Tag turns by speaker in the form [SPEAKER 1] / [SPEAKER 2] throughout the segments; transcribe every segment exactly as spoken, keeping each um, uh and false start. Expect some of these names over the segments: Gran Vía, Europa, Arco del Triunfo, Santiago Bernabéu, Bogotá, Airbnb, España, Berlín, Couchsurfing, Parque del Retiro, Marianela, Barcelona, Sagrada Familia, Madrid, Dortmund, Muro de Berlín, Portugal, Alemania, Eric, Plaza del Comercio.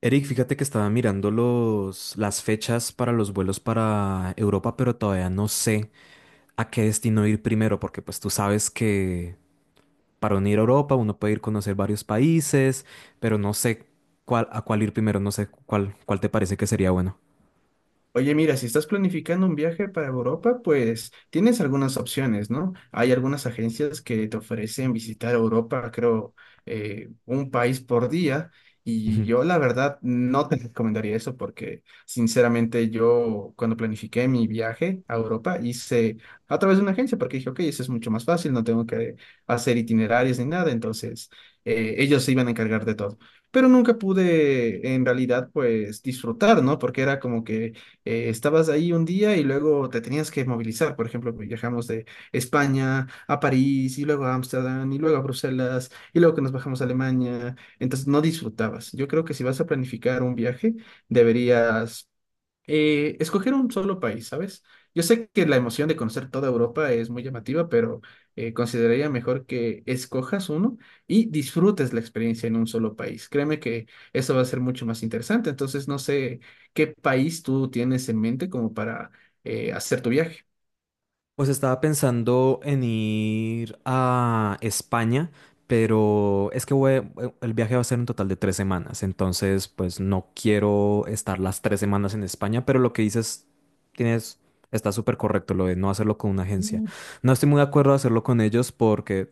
[SPEAKER 1] Eric, fíjate que estaba mirando los, las fechas para los vuelos para Europa, pero todavía no sé a qué destino ir primero, porque pues tú sabes que para unir a Europa uno puede ir a conocer varios países, pero no sé cuál, a cuál ir primero, no sé cuál, cuál te parece que sería bueno.
[SPEAKER 2] Oye, mira, si estás planificando un viaje para Europa, pues tienes algunas opciones, ¿no? Hay algunas agencias que te ofrecen visitar Europa, creo, eh, un país por día. Y yo la verdad no te recomendaría eso porque sinceramente yo cuando planifiqué mi viaje a Europa hice a través de una agencia porque dije, ok, eso es mucho más fácil, no tengo que hacer itinerarios ni nada, entonces eh, ellos se iban a encargar de todo. Pero nunca pude en realidad pues disfrutar, ¿no? Porque era como que eh, estabas ahí un día y luego te tenías que movilizar. Por ejemplo, viajamos de España a París y luego a Ámsterdam y luego a Bruselas y luego que nos bajamos a Alemania. Entonces no disfrutabas. Yo creo que si vas a planificar un viaje, deberías eh, escoger un solo país, ¿sabes? Yo sé que la emoción de conocer toda Europa es muy llamativa, pero eh, consideraría mejor que escojas uno y disfrutes la experiencia en un solo país. Créeme que eso va a ser mucho más interesante. Entonces, no sé qué país tú tienes en mente como para eh, hacer tu viaje.
[SPEAKER 1] Pues estaba pensando en ir a España, pero es que voy- eh, el viaje va a ser un total de tres semanas, entonces pues no quiero estar las tres semanas en España, pero lo que dices tienes, está súper correcto, lo de no hacerlo con una agencia.
[SPEAKER 2] Mm.
[SPEAKER 1] No estoy muy de acuerdo de hacerlo con ellos porque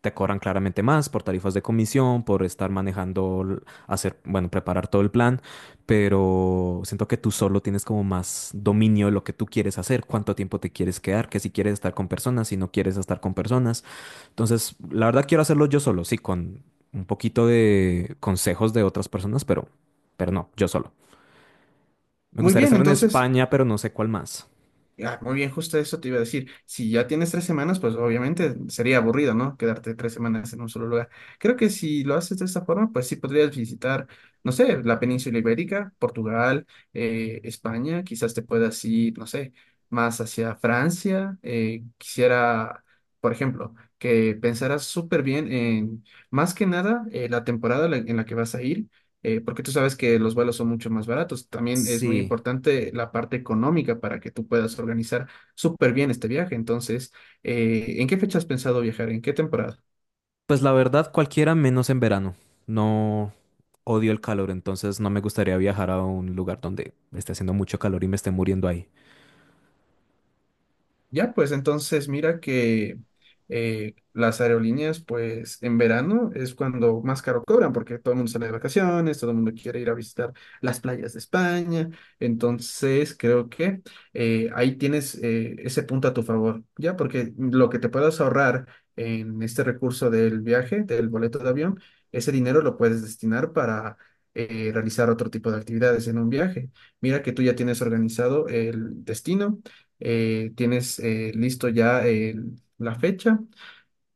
[SPEAKER 1] te cobran claramente más por tarifas de comisión, por estar manejando, l- hacer, bueno, preparar todo el plan, pero siento que tú solo tienes como más dominio de lo que tú quieres hacer, cuánto tiempo te quieres quedar, que si quieres estar con personas, si no quieres estar con personas. Entonces, la verdad quiero hacerlo yo solo, sí, con un poquito de consejos de otras personas, pero, pero no, yo solo. Me
[SPEAKER 2] Muy
[SPEAKER 1] gustaría
[SPEAKER 2] bien,
[SPEAKER 1] estar en
[SPEAKER 2] entonces
[SPEAKER 1] España, pero no sé cuál más.
[SPEAKER 2] Ah, muy bien, justo eso te iba a decir. Si ya tienes tres semanas, pues obviamente sería aburrido, ¿no? Quedarte tres semanas en un solo lugar. Creo que si lo haces de esta forma, pues sí podrías visitar, no sé, la península ibérica, Portugal, eh, España, quizás te puedas ir, no sé, más hacia Francia. Eh, quisiera, por ejemplo, que pensaras súper bien en, más que nada, eh, la temporada la- en la que vas a ir eh, porque tú sabes que los vuelos son mucho más baratos. También es muy
[SPEAKER 1] Sí.
[SPEAKER 2] importante la parte económica para que tú puedas organizar súper bien este viaje. Entonces, eh, ¿en qué fecha has pensado viajar? ¿En qué temporada?
[SPEAKER 1] Pues la verdad, cualquiera menos en verano. No, odio el calor, entonces no me gustaría viajar a un lugar donde esté haciendo mucho calor y me esté muriendo ahí.
[SPEAKER 2] Ya, pues entonces mira que eh, las aerolíneas, pues en verano es cuando más caro cobran, porque todo el mundo sale de vacaciones, todo el mundo quiere ir a visitar las playas de España. Entonces creo que eh, ahí tienes eh, ese punto a tu favor, ya, porque lo que te puedas ahorrar en este recurso del viaje, del boleto de avión, ese dinero lo puedes destinar para eh, realizar otro tipo de actividades en un viaje. Mira que tú ya tienes organizado el destino eh, tienes eh, listo ya el- la fecha.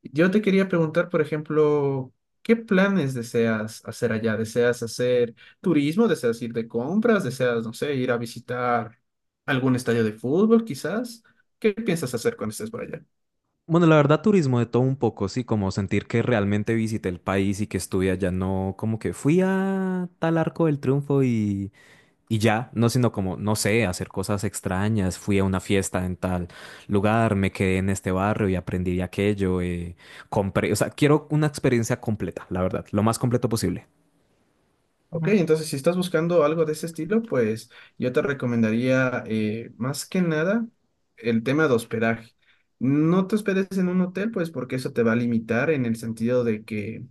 [SPEAKER 2] Yo te quería preguntar, por ejemplo, ¿qué planes deseas hacer allá? ¿Deseas hacer turismo? ¿Deseas ir de compras? ¿Deseas, no sé, ir a visitar algún estadio de fútbol, quizás? ¿Qué piensas hacer cuando estés por allá?
[SPEAKER 1] Bueno, la verdad, turismo de todo un poco, sí, como sentir que realmente visité el país y que estuve allá, no como que fui a tal Arco del Triunfo y, y ya, no, sino como, no sé, hacer cosas extrañas, fui a una fiesta en tal lugar, me quedé en este barrio y aprendí de aquello, eh, compré, o sea, quiero una experiencia completa, la verdad, lo más completo posible.
[SPEAKER 2] Ok, ujú. Entonces, si estás buscando algo de ese estilo, pues yo te recomendaría, eh, más que nada, el tema de hospedaje. No te hospedes en un hotel, pues porque eso te va a limitar en el sentido de que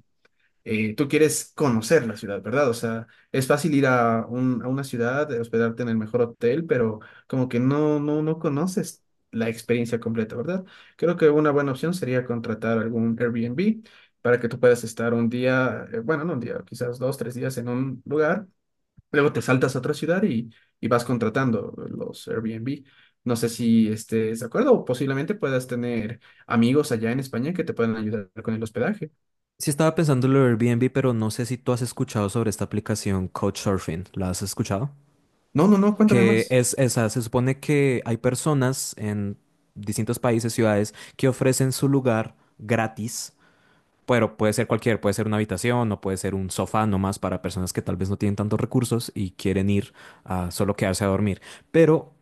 [SPEAKER 2] eh, tú quieres conocer la ciudad, ¿verdad? O sea, es fácil ir a, un- a una ciudad, eh, hospedarte en el mejor hotel, pero como que no, no, no conoces la experiencia completa, ¿verdad? Creo que una buena opción sería contratar algún Airbnb para que tú puedas estar un día, eh, bueno, no un día, quizás dos, tres días en un lugar, luego te saltas a otra ciudad y, y vas contratando los Airbnb. No sé si estés de acuerdo o posiblemente puedas tener amigos allá en España que te puedan ayudar con el hospedaje.
[SPEAKER 1] Sí estaba pensando en lo de Airbnb, pero no sé si tú has escuchado sobre esta aplicación Couchsurfing. ¿La has escuchado?
[SPEAKER 2] No, no, no, cuéntame
[SPEAKER 1] Que
[SPEAKER 2] más.
[SPEAKER 1] es esa, se supone que hay personas en distintos países, ciudades, que ofrecen su lugar gratis, pero puede ser cualquier, puede ser una habitación o puede ser un sofá nomás para personas que tal vez no tienen tantos recursos y quieren ir a solo quedarse a dormir. Pero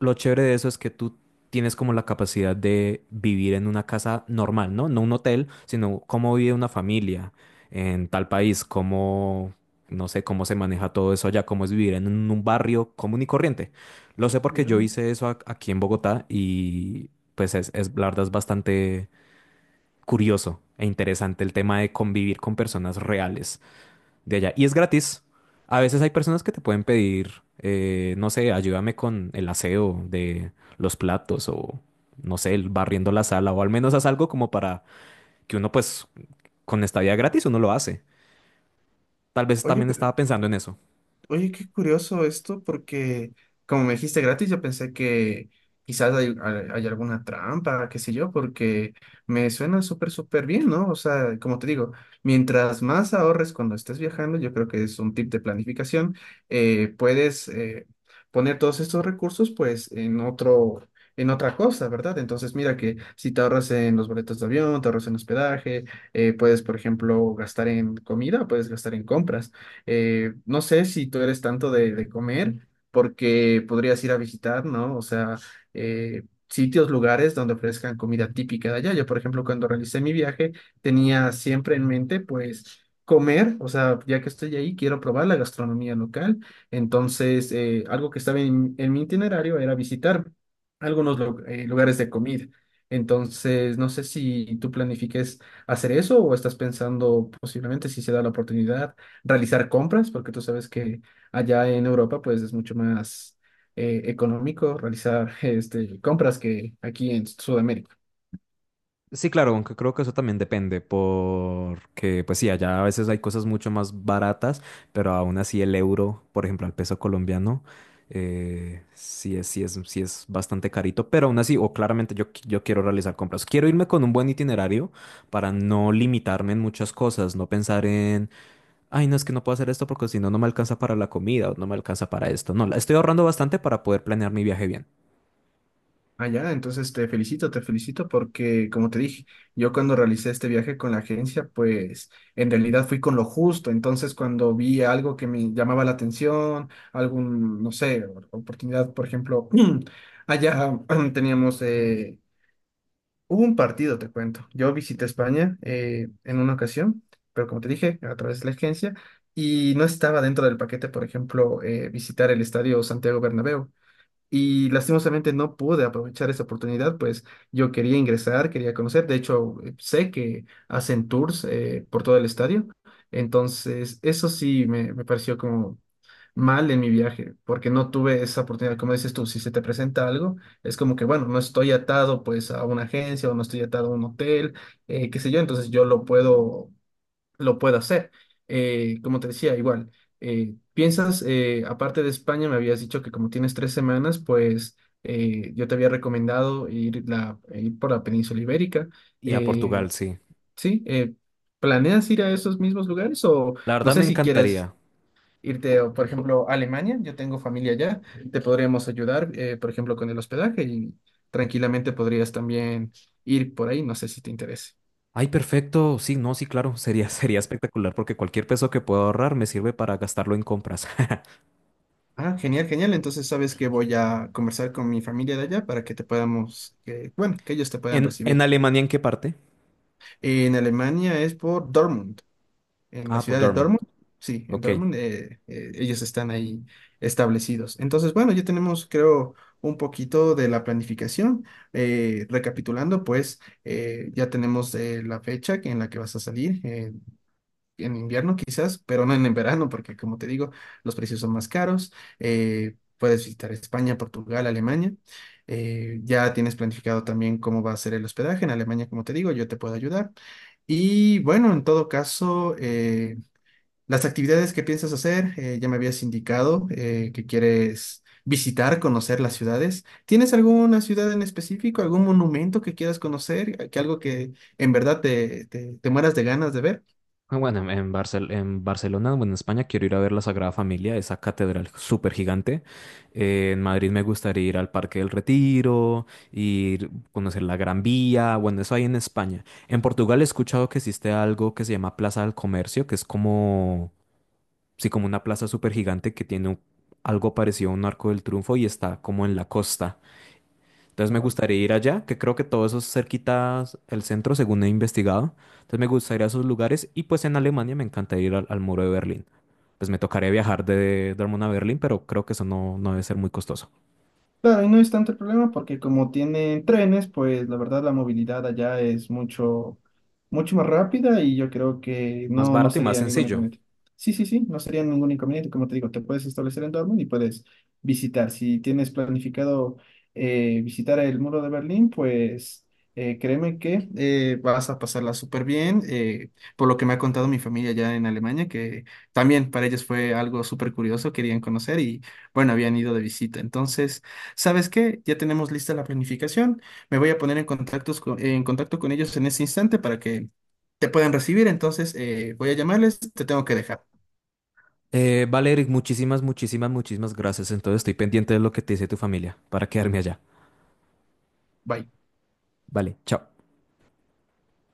[SPEAKER 1] lo chévere de eso es que tú tienes como la capacidad de vivir en una casa normal, ¿no? No un hotel, sino cómo vive una familia en tal país, cómo, no sé, cómo se maneja todo eso allá, cómo es vivir en un un barrio común y corriente. Lo sé porque
[SPEAKER 2] Ya.
[SPEAKER 1] yo hice eso a- aquí en Bogotá y pues es, es, la verdad es bastante curioso e interesante el tema de convivir con personas reales de allá. Y es gratis. A veces hay personas que te pueden pedir, eh, no sé, ayúdame con el aseo de los platos o, no sé, el barriendo la sala o al menos haz algo como para que uno, pues, con esta vida gratis uno lo hace. Tal vez
[SPEAKER 2] Oye,
[SPEAKER 1] también
[SPEAKER 2] pero-
[SPEAKER 1] estaba pensando en eso.
[SPEAKER 2] oye, qué curioso esto, porque como me dijiste gratis, yo pensé que quizás hay, hay- hay alguna trampa, qué sé yo, porque me suena súper, súper bien, ¿no? O sea, como te digo, mientras más ahorres cuando estés viajando, yo creo que es un tip de planificación, eh, puedes eh, poner todos estos recursos, pues, en otro... En otra cosa, ¿verdad? Entonces, mira que si te ahorras en los boletos de avión, te ahorras en hospedaje, eh, puedes, por ejemplo, gastar en comida, puedes gastar en compras. Eh, no sé si tú eres tanto de, de comer, porque podrías ir a visitar, ¿no? O sea, eh, sitios, lugares donde ofrezcan comida típica de allá. Yo, por ejemplo, cuando realicé mi viaje, tenía siempre en mente, pues, comer, o sea, ya que estoy ahí, quiero probar la gastronomía local. Entonces, eh, algo que estaba en, en mi itinerario era visitar algunos lu- eh, lugares de comida. Entonces, no sé si tú planifiques hacer eso o estás pensando posiblemente si se da la oportunidad realizar compras, porque tú sabes que allá en Europa pues es mucho más eh, económico realizar este, compras que aquí en Sudamérica.
[SPEAKER 1] Sí, claro, aunque creo que eso también depende, porque pues sí, allá a veces hay cosas mucho más baratas, pero aún así el euro, por ejemplo, al peso colombiano, eh, sí es, sí es, sí es bastante carito, pero aún así, o claramente yo, qui- yo quiero realizar compras. Quiero irme con un buen itinerario para no limitarme en muchas cosas, no pensar en, ay, no, es que no puedo hacer esto porque si no, no me alcanza para la comida o no me alcanza para esto. No, la- estoy ahorrando bastante para poder planear mi viaje bien.
[SPEAKER 2] Allá, entonces te felicito, te felicito porque como te dije, yo cuando realicé este viaje con la agencia, pues en realidad fui con lo justo, entonces cuando vi algo que me llamaba la atención, algún, no sé, oportunidad, por ejemplo, allá teníamos... eh, Hubo un partido, te cuento. Yo visité España eh, en una ocasión, pero como te dije, a través de la agencia, y no estaba dentro del paquete, por ejemplo, eh, visitar el estadio Santiago Bernabéu. Y lastimosamente no pude aprovechar esa oportunidad, pues yo quería ingresar, quería conocer. De hecho, eh, sé que hacen tours eh, por todo el estadio. Entonces, eso sí me, me pareció como mal en mi viaje, porque no tuve esa oportunidad. Como dices tú, si se te presenta algo, es como que, bueno, no estoy atado pues a una agencia o no estoy atado a un hotel, eh, qué sé yo, entonces yo lo puedo, lo puedo hacer. Eh, como te decía, igual, eh, piensas, eh, aparte de España, me habías dicho que como tienes tres semanas, pues eh, yo te había recomendado ir, la, ir por la península ibérica.
[SPEAKER 1] Y a
[SPEAKER 2] Eh,
[SPEAKER 1] Portugal, sí.
[SPEAKER 2] sí, eh, ¿planeas ir a esos mismos lugares o
[SPEAKER 1] La
[SPEAKER 2] no
[SPEAKER 1] verdad me
[SPEAKER 2] sé si quieres
[SPEAKER 1] encantaría.
[SPEAKER 2] irte, o, por ejemplo, a Alemania, yo tengo familia allá, te podríamos ayudar, eh, por ejemplo, con el hospedaje y tranquilamente podrías también ir por ahí, no sé si te interesa.
[SPEAKER 1] Ay, perfecto. Sí, no, sí, claro. Sería, sería espectacular porque cualquier peso que pueda ahorrar me sirve para gastarlo en compras.
[SPEAKER 2] Ah, genial, genial. Entonces sabes que voy a conversar con mi familia de allá para que te podamos, eh, bueno, que ellos te puedan
[SPEAKER 1] ¿En, en
[SPEAKER 2] recibir.
[SPEAKER 1] Alemania en qué parte?
[SPEAKER 2] En Alemania es por Dortmund, en la
[SPEAKER 1] Ah, por
[SPEAKER 2] ciudad de
[SPEAKER 1] Dortmund.
[SPEAKER 2] Dortmund. Sí, en
[SPEAKER 1] Ok.
[SPEAKER 2] Dortmund eh, eh, ellos están ahí establecidos. Entonces, bueno, ya tenemos, creo, un poquito de la planificación. Eh, recapitulando, pues eh, ya tenemos eh, la fecha que- en la que vas a salir, eh, en invierno quizás, pero no en el verano, porque como te digo, los precios son más caros. Eh, puedes visitar España, Portugal, Alemania. Eh, ya tienes planificado también cómo va a ser el hospedaje en Alemania, como te digo, yo te puedo ayudar. Y bueno, en todo caso, eh, las actividades que piensas hacer, eh, ya me habías indicado eh, que quieres visitar, conocer las ciudades. ¿Tienes alguna ciudad en específico, algún monumento que quieras conocer, que algo que en verdad te, te, te mueras de ganas de ver?
[SPEAKER 1] Ah, bueno, en, en Barcel- en Barcelona, bueno, en España quiero ir a ver la Sagrada Familia, esa catedral súper gigante. En Madrid me gustaría ir al Parque del Retiro, ir conocer la Gran Vía, bueno, eso hay en España. En Portugal he escuchado que existe algo que se llama Plaza del Comercio, que es como... Sí, como una plaza súper gigante que tiene un- algo parecido a un Arco del Triunfo y está como en la costa. Entonces me gustaría ir allá, que creo que todo eso es cerquita el centro, según he investigado. Entonces me gustaría esos lugares y pues en Alemania me encanta ir al, al Muro de Berlín. Pues me tocaría viajar de Dortmund a Berlín, pero creo que eso no, no debe ser muy costoso.
[SPEAKER 2] Claro, y no es tanto el problema porque como tienen trenes, pues la verdad la movilidad allá es mucho, mucho más rápida y yo creo que
[SPEAKER 1] Más
[SPEAKER 2] no, no
[SPEAKER 1] barato y más
[SPEAKER 2] sería ningún
[SPEAKER 1] sencillo.
[SPEAKER 2] inconveniente. Sí, sí, sí, no sería ningún inconveniente. Como te digo, te puedes establecer en Dortmund y puedes visitar. Si tienes planificado eh, visitar el muro de Berlín, pues eh, créeme que eh, vas a pasarla súper bien. Eh, por lo que me ha contado mi familia allá en Alemania, que también para ellos fue algo súper curioso, querían conocer y bueno, habían ido de visita. Entonces... ¿Sabes qué? Ya tenemos lista la planificación. Me voy a poner en contactos co- en contacto con ellos en ese instante para que te puedan recibir. Entonces, eh, voy a llamarles. Te tengo que dejar.
[SPEAKER 1] Eh, vale, Eric, muchísimas, muchísimas, muchísimas gracias. Entonces estoy pendiente de lo que te dice tu familia para quedarme allá.
[SPEAKER 2] Bye.
[SPEAKER 1] Vale, chao.